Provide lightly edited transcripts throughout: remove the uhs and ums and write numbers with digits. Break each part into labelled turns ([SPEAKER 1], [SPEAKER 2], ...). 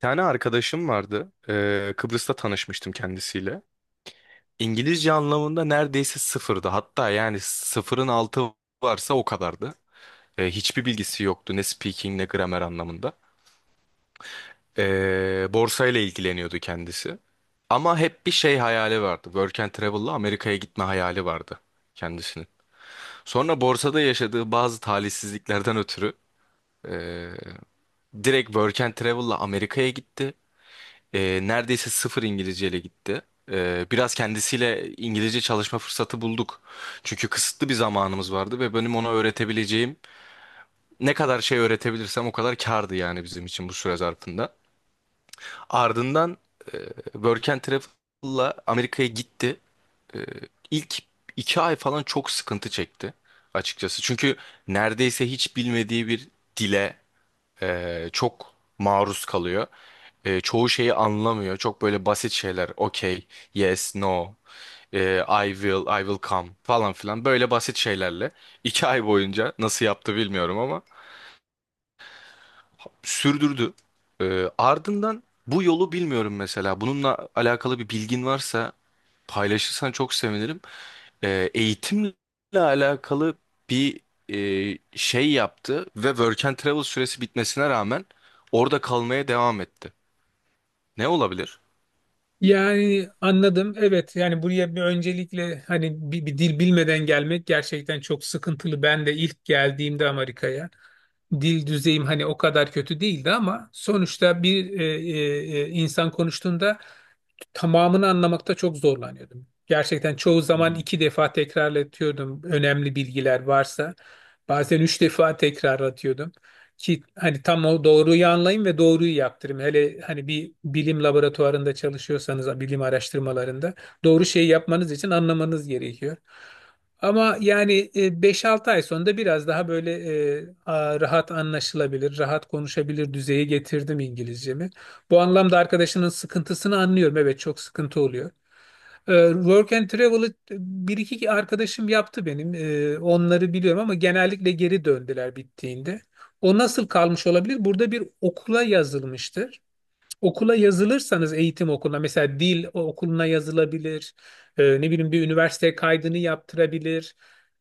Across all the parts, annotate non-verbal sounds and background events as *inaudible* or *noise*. [SPEAKER 1] Tane arkadaşım vardı. Kıbrıs'ta tanışmıştım kendisiyle. İngilizce anlamında neredeyse sıfırdı. Hatta yani sıfırın altı varsa o kadardı. Hiçbir bilgisi yoktu ne speaking ne gramer anlamında. Borsayla ilgileniyordu kendisi. Ama hep bir şey hayali vardı. Work and travel'la Amerika'ya gitme hayali vardı kendisinin. Sonra borsada yaşadığı bazı talihsizliklerden ötürü ee, direkt Work and Travel'la Amerika'ya gitti. Neredeyse sıfır İngilizce ile gitti. Biraz kendisiyle İngilizce çalışma fırsatı bulduk. Çünkü kısıtlı bir zamanımız vardı ve benim ona öğretebileceğim ne kadar şey öğretebilirsem o kadar kârdı yani bizim için bu süre zarfında. Ardından e, Work and Travel'la Amerika'ya gitti. E, ilk 2 ay falan çok sıkıntı çekti açıkçası. Çünkü neredeyse hiç bilmediği bir dile çok maruz kalıyor. Çoğu şeyi anlamıyor. Çok böyle basit şeyler. Okay, yes, no, I will, I will come falan filan. Böyle basit şeylerle. *laughs* 2 ay boyunca nasıl yaptı bilmiyorum ama sürdürdü. Ardından bu yolu bilmiyorum mesela. Bununla alakalı bir bilgin varsa paylaşırsan çok sevinirim. Eğitimle alakalı bir şey yaptı ve Work and Travel süresi bitmesine rağmen orada kalmaya devam etti. Ne olabilir?
[SPEAKER 2] Yani anladım. Evet yani buraya bir öncelikle hani bir dil bilmeden gelmek gerçekten çok sıkıntılı. Ben de ilk geldiğimde Amerika'ya dil düzeyim hani o kadar kötü değildi ama sonuçta bir insan konuştuğunda tamamını anlamakta çok zorlanıyordum. Gerçekten çoğu
[SPEAKER 1] Hı
[SPEAKER 2] zaman
[SPEAKER 1] hı.
[SPEAKER 2] iki defa tekrarlatıyordum önemli bilgiler varsa. Bazen üç defa tekrarlatıyordum ki hani tam o doğruyu anlayayım ve doğruyu yaptırayım. Hele hani bir bilim laboratuvarında çalışıyorsanız, bilim araştırmalarında doğru şeyi yapmanız için anlamanız gerekiyor. Ama yani 5-6 ay sonra da biraz daha böyle rahat anlaşılabilir, rahat konuşabilir düzeye getirdim İngilizcemi. Bu anlamda arkadaşının sıkıntısını anlıyorum. Evet çok sıkıntı oluyor. Work and travel'ı bir iki arkadaşım yaptı benim. Onları biliyorum ama genellikle geri döndüler bittiğinde. O nasıl kalmış olabilir? Burada bir okula yazılmıştır, okula
[SPEAKER 1] Hı hı.
[SPEAKER 2] yazılırsanız eğitim okuluna, mesela dil okuluna yazılabilir. Ne bileyim, bir üniversiteye kaydını yaptırabilir.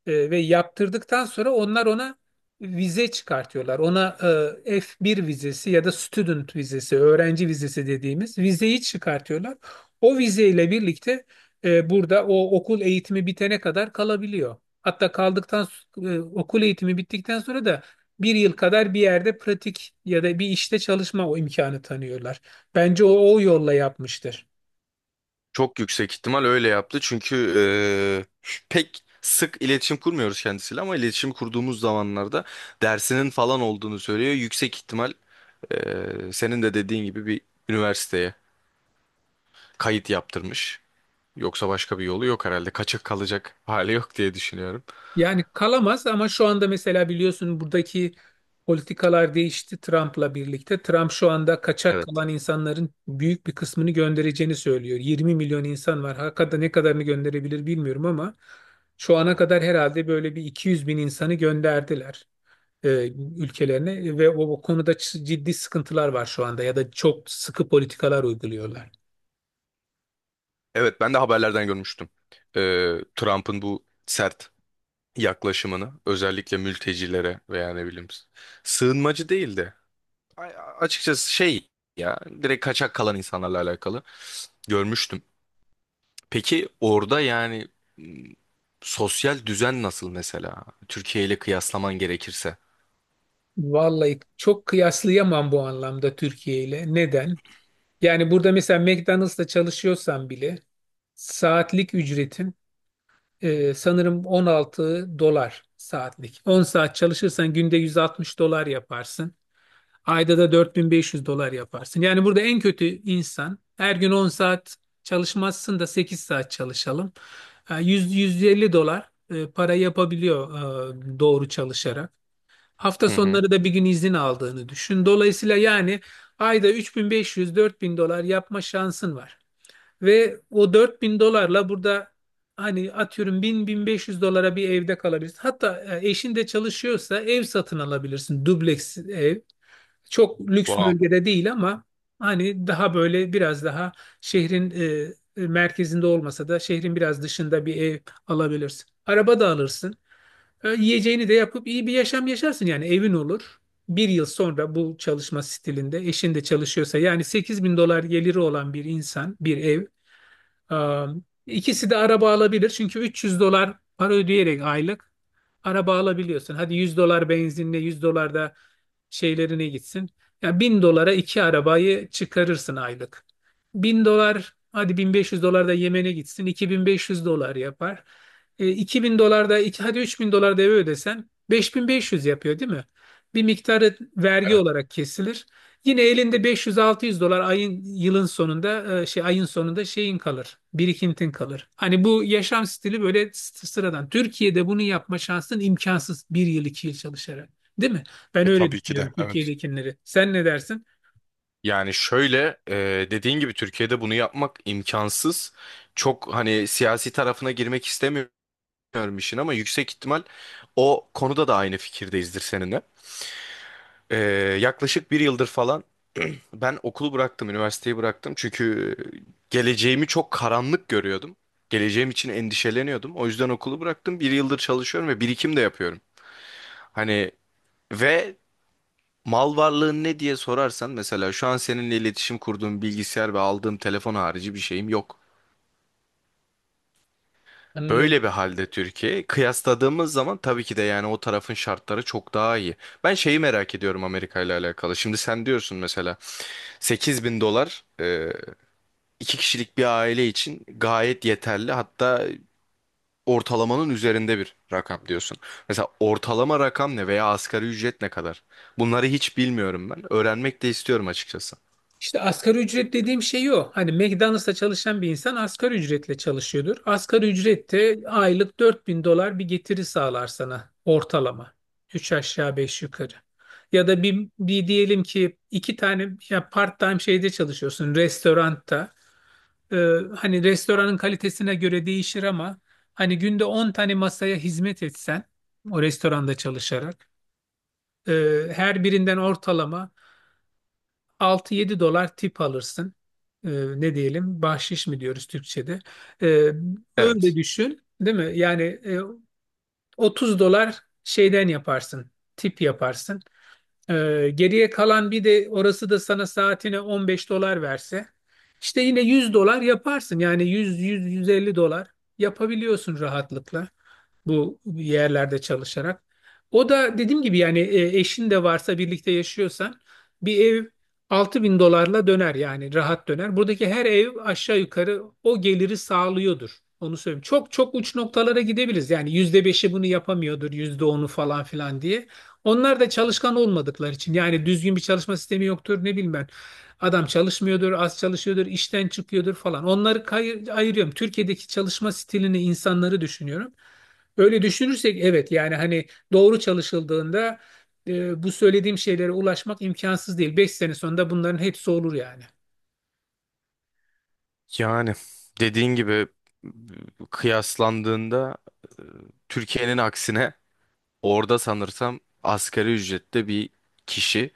[SPEAKER 2] Ve yaptırdıktan sonra onlar ona vize çıkartıyorlar. Ona F1 vizesi ya da student vizesi, öğrenci vizesi dediğimiz vizeyi çıkartıyorlar. O vizeyle birlikte burada o okul eğitimi bitene kadar kalabiliyor. Hatta kaldıktan okul eğitimi bittikten sonra da bir yıl kadar bir yerde pratik ya da bir işte çalışma, o imkanı tanıyorlar. Bence o yolla yapmıştır.
[SPEAKER 1] Çok yüksek ihtimal öyle yaptı. Çünkü e, pek sık iletişim kurmuyoruz kendisiyle ama iletişim kurduğumuz zamanlarda dersinin falan olduğunu söylüyor. Yüksek ihtimal senin de dediğin gibi bir üniversiteye kayıt yaptırmış. Yoksa başka bir yolu yok herhalde. Kaçık kalacak hali yok diye düşünüyorum.
[SPEAKER 2] Yani kalamaz ama şu anda mesela biliyorsun buradaki politikalar değişti Trump'la birlikte. Trump şu anda kaçak
[SPEAKER 1] Evet.
[SPEAKER 2] kalan insanların büyük bir kısmını göndereceğini söylüyor. 20 milyon insan var. Hakikaten ne kadarını gönderebilir bilmiyorum ama şu ana kadar herhalde böyle bir 200 bin insanı gönderdiler e, ülkelerini ve o konuda ciddi sıkıntılar var şu anda ya da çok sıkı politikalar uyguluyorlar.
[SPEAKER 1] Evet, ben de haberlerden görmüştüm. Trump'ın bu sert yaklaşımını özellikle mültecilere veya ne bileyim sığınmacı değildi. A- Açıkçası şey ya direkt kaçak kalan insanlarla alakalı görmüştüm. Peki orada yani m, sosyal düzen nasıl mesela? Türkiye ile kıyaslaman gerekirse.
[SPEAKER 2] Vallahi çok kıyaslayamam bu anlamda Türkiye ile. Neden? Yani burada mesela McDonald's'ta çalışıyorsan bile saatlik ücretin sanırım 16 dolar saatlik. 10 saat çalışırsan günde 160 dolar yaparsın. Ayda da 4500 dolar yaparsın. Yani burada en kötü insan her gün 10 saat çalışmazsın da 8 saat çalışalım. 100-150 dolar para yapabiliyor doğru çalışarak. Hafta
[SPEAKER 1] Hı hı.
[SPEAKER 2] sonları da bir gün izin aldığını düşün. Dolayısıyla yani ayda 3500-4000 dolar yapma şansın var. Ve o 4000 dolarla burada hani atıyorum 1000-1500 dolara bir evde kalabilirsin. Hatta eşin de çalışıyorsa ev satın alabilirsin. Dubleks ev. Çok lüks
[SPEAKER 1] Wow.
[SPEAKER 2] bölgede değil ama hani daha böyle biraz daha şehrin merkezinde olmasa da şehrin biraz dışında bir ev alabilirsin. Araba da alırsın. Yiyeceğini de yapıp iyi bir yaşam yaşarsın, yani evin olur. Bir yıl sonra bu çalışma stilinde eşin de çalışıyorsa yani 8 bin dolar geliri olan bir insan bir ev. e, ikisi de araba alabilir çünkü 300 dolar para ödeyerek aylık araba alabiliyorsun. Hadi 100 dolar benzinle 100 dolar da şeylerine gitsin. Ya bin dolara iki arabayı çıkarırsın aylık. Bin dolar, hadi 1500 dolar da Yemen'e gitsin, 2500 dolar yapar. İki bin dolar da iki, hadi 3000 dolar da eve ödesen 5500 yapıyor değil mi? Bir miktarı vergi
[SPEAKER 1] Evet.
[SPEAKER 2] olarak kesilir. Yine elinde beş yüz altı yüz dolar ayın yılın sonunda, ayın sonunda şeyin kalır. Birikintin kalır. Hani bu yaşam stili böyle sıradan. Türkiye'de bunu yapma şansın imkansız bir yıl iki yıl çalışarak. Değil mi? Ben öyle
[SPEAKER 1] Tabii ki de.
[SPEAKER 2] düşünüyorum
[SPEAKER 1] Evet.
[SPEAKER 2] Türkiye'dekileri. Sen ne dersin?
[SPEAKER 1] Yani şöyle dediğin gibi Türkiye'de bunu yapmak imkansız. Çok hani siyasi tarafına girmek istemiyorum işin ama yüksek ihtimal o konuda da aynı fikirdeyizdir seninle. E, yaklaşık bir yıldır falan ben okulu bıraktım, üniversiteyi bıraktım. Çünkü geleceğimi çok karanlık görüyordum. Geleceğim için endişeleniyordum. O yüzden okulu bıraktım. Bir yıldır çalışıyorum ve birikim de yapıyorum. Hani ve mal varlığın ne diye sorarsan mesela şu an seninle iletişim kurduğum bilgisayar ve aldığım telefon harici bir şeyim yok. Böyle
[SPEAKER 2] Anlıyorum.
[SPEAKER 1] bir halde Türkiye kıyasladığımız zaman tabii ki de yani o tarafın şartları çok daha iyi. Ben şeyi merak ediyorum Amerika ile alakalı. Şimdi sen diyorsun mesela 8.000 dolar 2 kişilik bir aile için gayet yeterli. Hatta ortalamanın üzerinde bir rakam diyorsun. Mesela ortalama rakam ne veya asgari ücret ne kadar? Bunları hiç bilmiyorum ben. Öğrenmek de istiyorum açıkçası.
[SPEAKER 2] İşte asgari ücret dediğim şey o. Hani McDonald's'ta çalışan bir insan asgari ücretle çalışıyordur. Asgari ücrette aylık 4000 dolar bir getiri sağlar sana ortalama. Üç aşağı 5 yukarı. Ya da bir diyelim ki iki tane, ya part-time şeyde çalışıyorsun restoranda. Ee, Hani restoranın kalitesine göre değişir ama hani günde 10 tane masaya hizmet etsen o restoranda çalışarak her birinden ortalama 6-7 dolar tip alırsın. Ee, Ne diyelim? Bahşiş mi diyoruz Türkçe'de? Ee, Öyle
[SPEAKER 1] Evet.
[SPEAKER 2] düşün, değil mi? Yani 30 dolar şeyden yaparsın, tip yaparsın. Geriye kalan bir de orası da sana saatine 15 dolar verse, işte yine 100 dolar yaparsın. Yani 100-100-150 dolar yapabiliyorsun rahatlıkla bu yerlerde çalışarak. O da dediğim gibi yani eşin de varsa birlikte yaşıyorsan bir ev 6000 dolarla döner yani rahat döner. Buradaki her ev aşağı yukarı o geliri sağlıyordur. Onu söyleyeyim. Çok çok uç noktalara gidebiliriz. Yani %5'i bunu yapamıyordur, %10'u falan filan diye. Onlar da
[SPEAKER 1] Hı hı.
[SPEAKER 2] çalışkan olmadıkları için yani düzgün bir çalışma sistemi yoktur, ne bilmem. Adam çalışmıyordur, az çalışıyordur, işten çıkıyordur falan. Onları ayırıyorum. Türkiye'deki çalışma stilini, insanları düşünüyorum. Öyle düşünürsek evet yani hani doğru çalışıldığında bu söylediğim şeylere ulaşmak imkansız değil. 5 sene sonunda bunların hepsi olur yani.
[SPEAKER 1] Yani dediğin gibi kıyaslandığında e, Türkiye'nin aksine orada sanırsam asgari ücrette bir kişi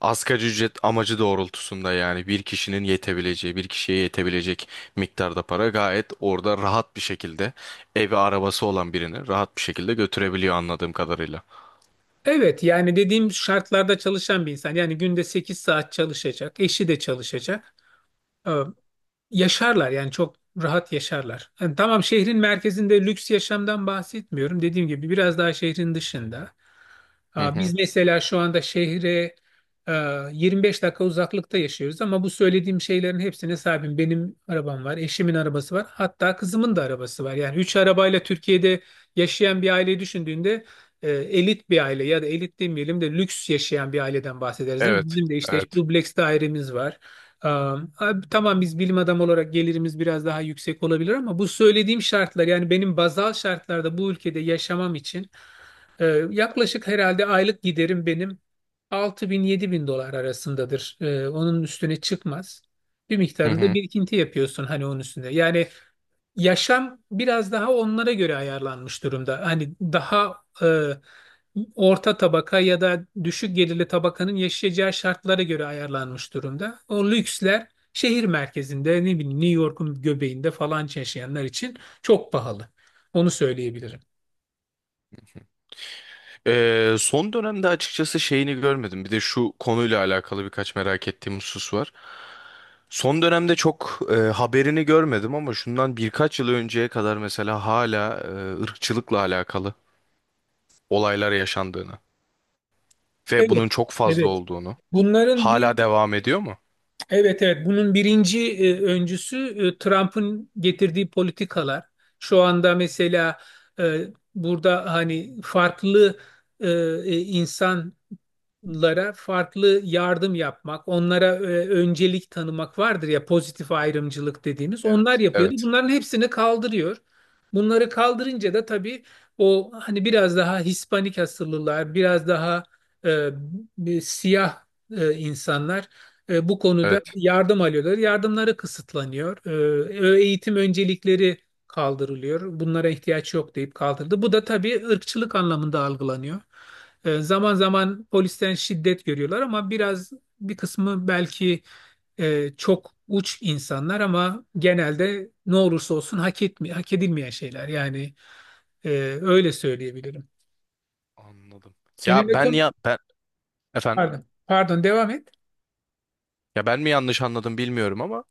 [SPEAKER 1] asgari ücret amacı doğrultusunda yani bir kişinin yetebileceği bir kişiye yetebilecek miktarda para gayet orada rahat bir şekilde evi arabası olan birini rahat bir şekilde götürebiliyor anladığım kadarıyla.
[SPEAKER 2] Evet yani dediğim şartlarda çalışan bir insan, yani günde 8 saat çalışacak, eşi de çalışacak. Tamam, yaşarlar yani çok rahat yaşarlar. Yani tamam, şehrin merkezinde lüks yaşamdan bahsetmiyorum. Dediğim gibi biraz daha şehrin dışında.
[SPEAKER 1] Hı
[SPEAKER 2] Aa, biz
[SPEAKER 1] hı.
[SPEAKER 2] mesela şu anda şehre e, 25 dakika uzaklıkta yaşıyoruz ama bu söylediğim şeylerin hepsine sahibim. Benim arabam var, eşimin arabası var, hatta kızımın da arabası var. Yani 3 arabayla Türkiye'de yaşayan bir aileyi düşündüğünde elit bir aile, ya da elit demeyelim de lüks yaşayan bir aileden bahsederiz değil mi?
[SPEAKER 1] Evet,
[SPEAKER 2] Bizim de işte
[SPEAKER 1] evet.
[SPEAKER 2] dubleks dairemiz var. Abi, tamam, biz bilim adamı olarak gelirimiz biraz daha yüksek olabilir ama bu söylediğim şartlar, yani benim bazal şartlarda bu ülkede yaşamam için e, yaklaşık herhalde aylık giderim benim 6000 bin dolar arasındadır. Onun üstüne çıkmaz. Bir
[SPEAKER 1] Hı
[SPEAKER 2] miktarında
[SPEAKER 1] hı.
[SPEAKER 2] birikinti yapıyorsun hani onun üstünde. Yani yaşam biraz daha onlara göre ayarlanmış durumda. Hani daha orta tabaka ya da düşük gelirli tabakanın yaşayacağı şartlara göre ayarlanmış durumda. O lüksler şehir merkezinde, ne bileyim, New York'un göbeğinde falan yaşayanlar için çok pahalı. Onu söyleyebilirim.
[SPEAKER 1] Son dönemde açıkçası şeyini görmedim. Bir de şu konuyla alakalı birkaç merak ettiğim husus var. Son dönemde çok haberini görmedim ama şundan birkaç yıl önceye kadar mesela hala ırkçılıkla alakalı olaylar yaşandığını ve
[SPEAKER 2] Evet,
[SPEAKER 1] bunun çok fazla
[SPEAKER 2] evet.
[SPEAKER 1] olduğunu,
[SPEAKER 2] Bunların bir
[SPEAKER 1] hala devam ediyor mu?
[SPEAKER 2] Evet, evet, bunun birinci öncüsü Trump'ın getirdiği politikalar. Şu anda mesela e, burada hani farklı e, insan lara farklı yardım yapmak, onlara öncelik tanımak vardır ya, pozitif ayrımcılık dediğimiz. Onlar
[SPEAKER 1] Evet.
[SPEAKER 2] yapıyordu.
[SPEAKER 1] Evet.
[SPEAKER 2] Bunların hepsini kaldırıyor. Bunları kaldırınca da tabii o hani biraz daha Hispanik asıllılar, biraz daha e, bir siyah insanlar bu konuda
[SPEAKER 1] Evet.
[SPEAKER 2] yardım alıyorlar. Yardımları kısıtlanıyor. Eğitim öncelikleri kaldırılıyor. Bunlara ihtiyaç yok deyip kaldırdı. Bu da tabii ırkçılık anlamında algılanıyor. Zaman zaman polisten şiddet görüyorlar ama biraz, bir kısmı belki çok uç insanlar ama genelde ne olursa olsun hak edilmeyen şeyler. Yani e, öyle söyleyebilirim.
[SPEAKER 1] Anladım.
[SPEAKER 2] Senin
[SPEAKER 1] Ya ben
[SPEAKER 2] ekonomik...
[SPEAKER 1] ya ben Efendim,
[SPEAKER 2] Pardon, pardon, devam et.
[SPEAKER 1] ya ben mi yanlış anladım bilmiyorum ama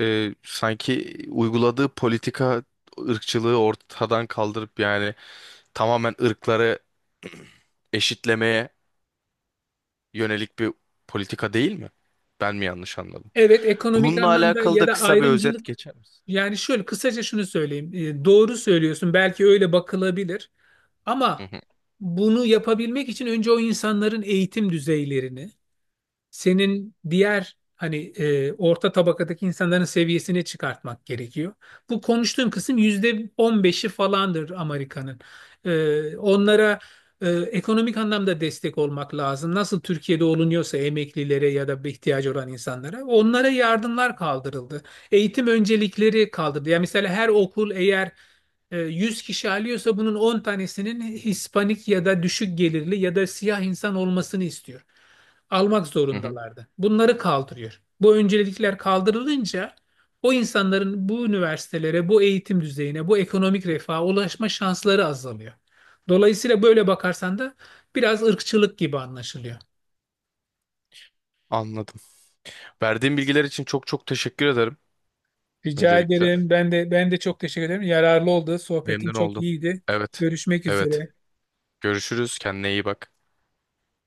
[SPEAKER 1] sanki uyguladığı politika ırkçılığı ortadan kaldırıp yani tamamen ırkları *clears throat* eşitlemeye yönelik bir politika değil mi? Ben mi yanlış anladım?
[SPEAKER 2] Evet, ekonomik
[SPEAKER 1] Bununla
[SPEAKER 2] anlamda
[SPEAKER 1] alakalı da
[SPEAKER 2] ya da
[SPEAKER 1] kısa bir özet
[SPEAKER 2] ayrımcılık,
[SPEAKER 1] geçer misin?
[SPEAKER 2] yani şöyle kısaca şunu söyleyeyim. Doğru söylüyorsun, belki öyle bakılabilir
[SPEAKER 1] Hı
[SPEAKER 2] ama
[SPEAKER 1] hı,
[SPEAKER 2] bunu yapabilmek için önce o insanların eğitim düzeylerini senin diğer hani orta tabakadaki insanların seviyesine çıkartmak gerekiyor. Bu konuştuğum kısım %15'i falandır Amerika'nın. Onlara ekonomik anlamda destek olmak lazım. Nasıl Türkiye'de olunuyorsa emeklilere ya da bir ihtiyacı olan insanlara, onlara yardımlar kaldırıldı. Eğitim öncelikleri kaldırıldı. Yani mesela her okul eğer 100 kişi alıyorsa bunun 10 tanesinin Hispanik ya da düşük gelirli ya da siyah insan olmasını istiyor, almak
[SPEAKER 1] hı hı.
[SPEAKER 2] zorundalardı. Bunları kaldırıyor. Bu öncelikler kaldırılınca o insanların bu üniversitelere, bu eğitim düzeyine, bu ekonomik refaha ulaşma şansları azalıyor. Dolayısıyla böyle bakarsan da biraz ırkçılık gibi anlaşılıyor.
[SPEAKER 1] Anladım. Verdiğin bilgiler için çok çok teşekkür ederim
[SPEAKER 2] Rica
[SPEAKER 1] öncelikle.
[SPEAKER 2] ederim. Ben de, ben de çok teşekkür ederim. Yararlı oldu. Sohbetin
[SPEAKER 1] Memnun
[SPEAKER 2] çok
[SPEAKER 1] oldum.
[SPEAKER 2] iyiydi.
[SPEAKER 1] Evet.
[SPEAKER 2] Görüşmek
[SPEAKER 1] Evet.
[SPEAKER 2] üzere.
[SPEAKER 1] Görüşürüz. Kendine iyi bak.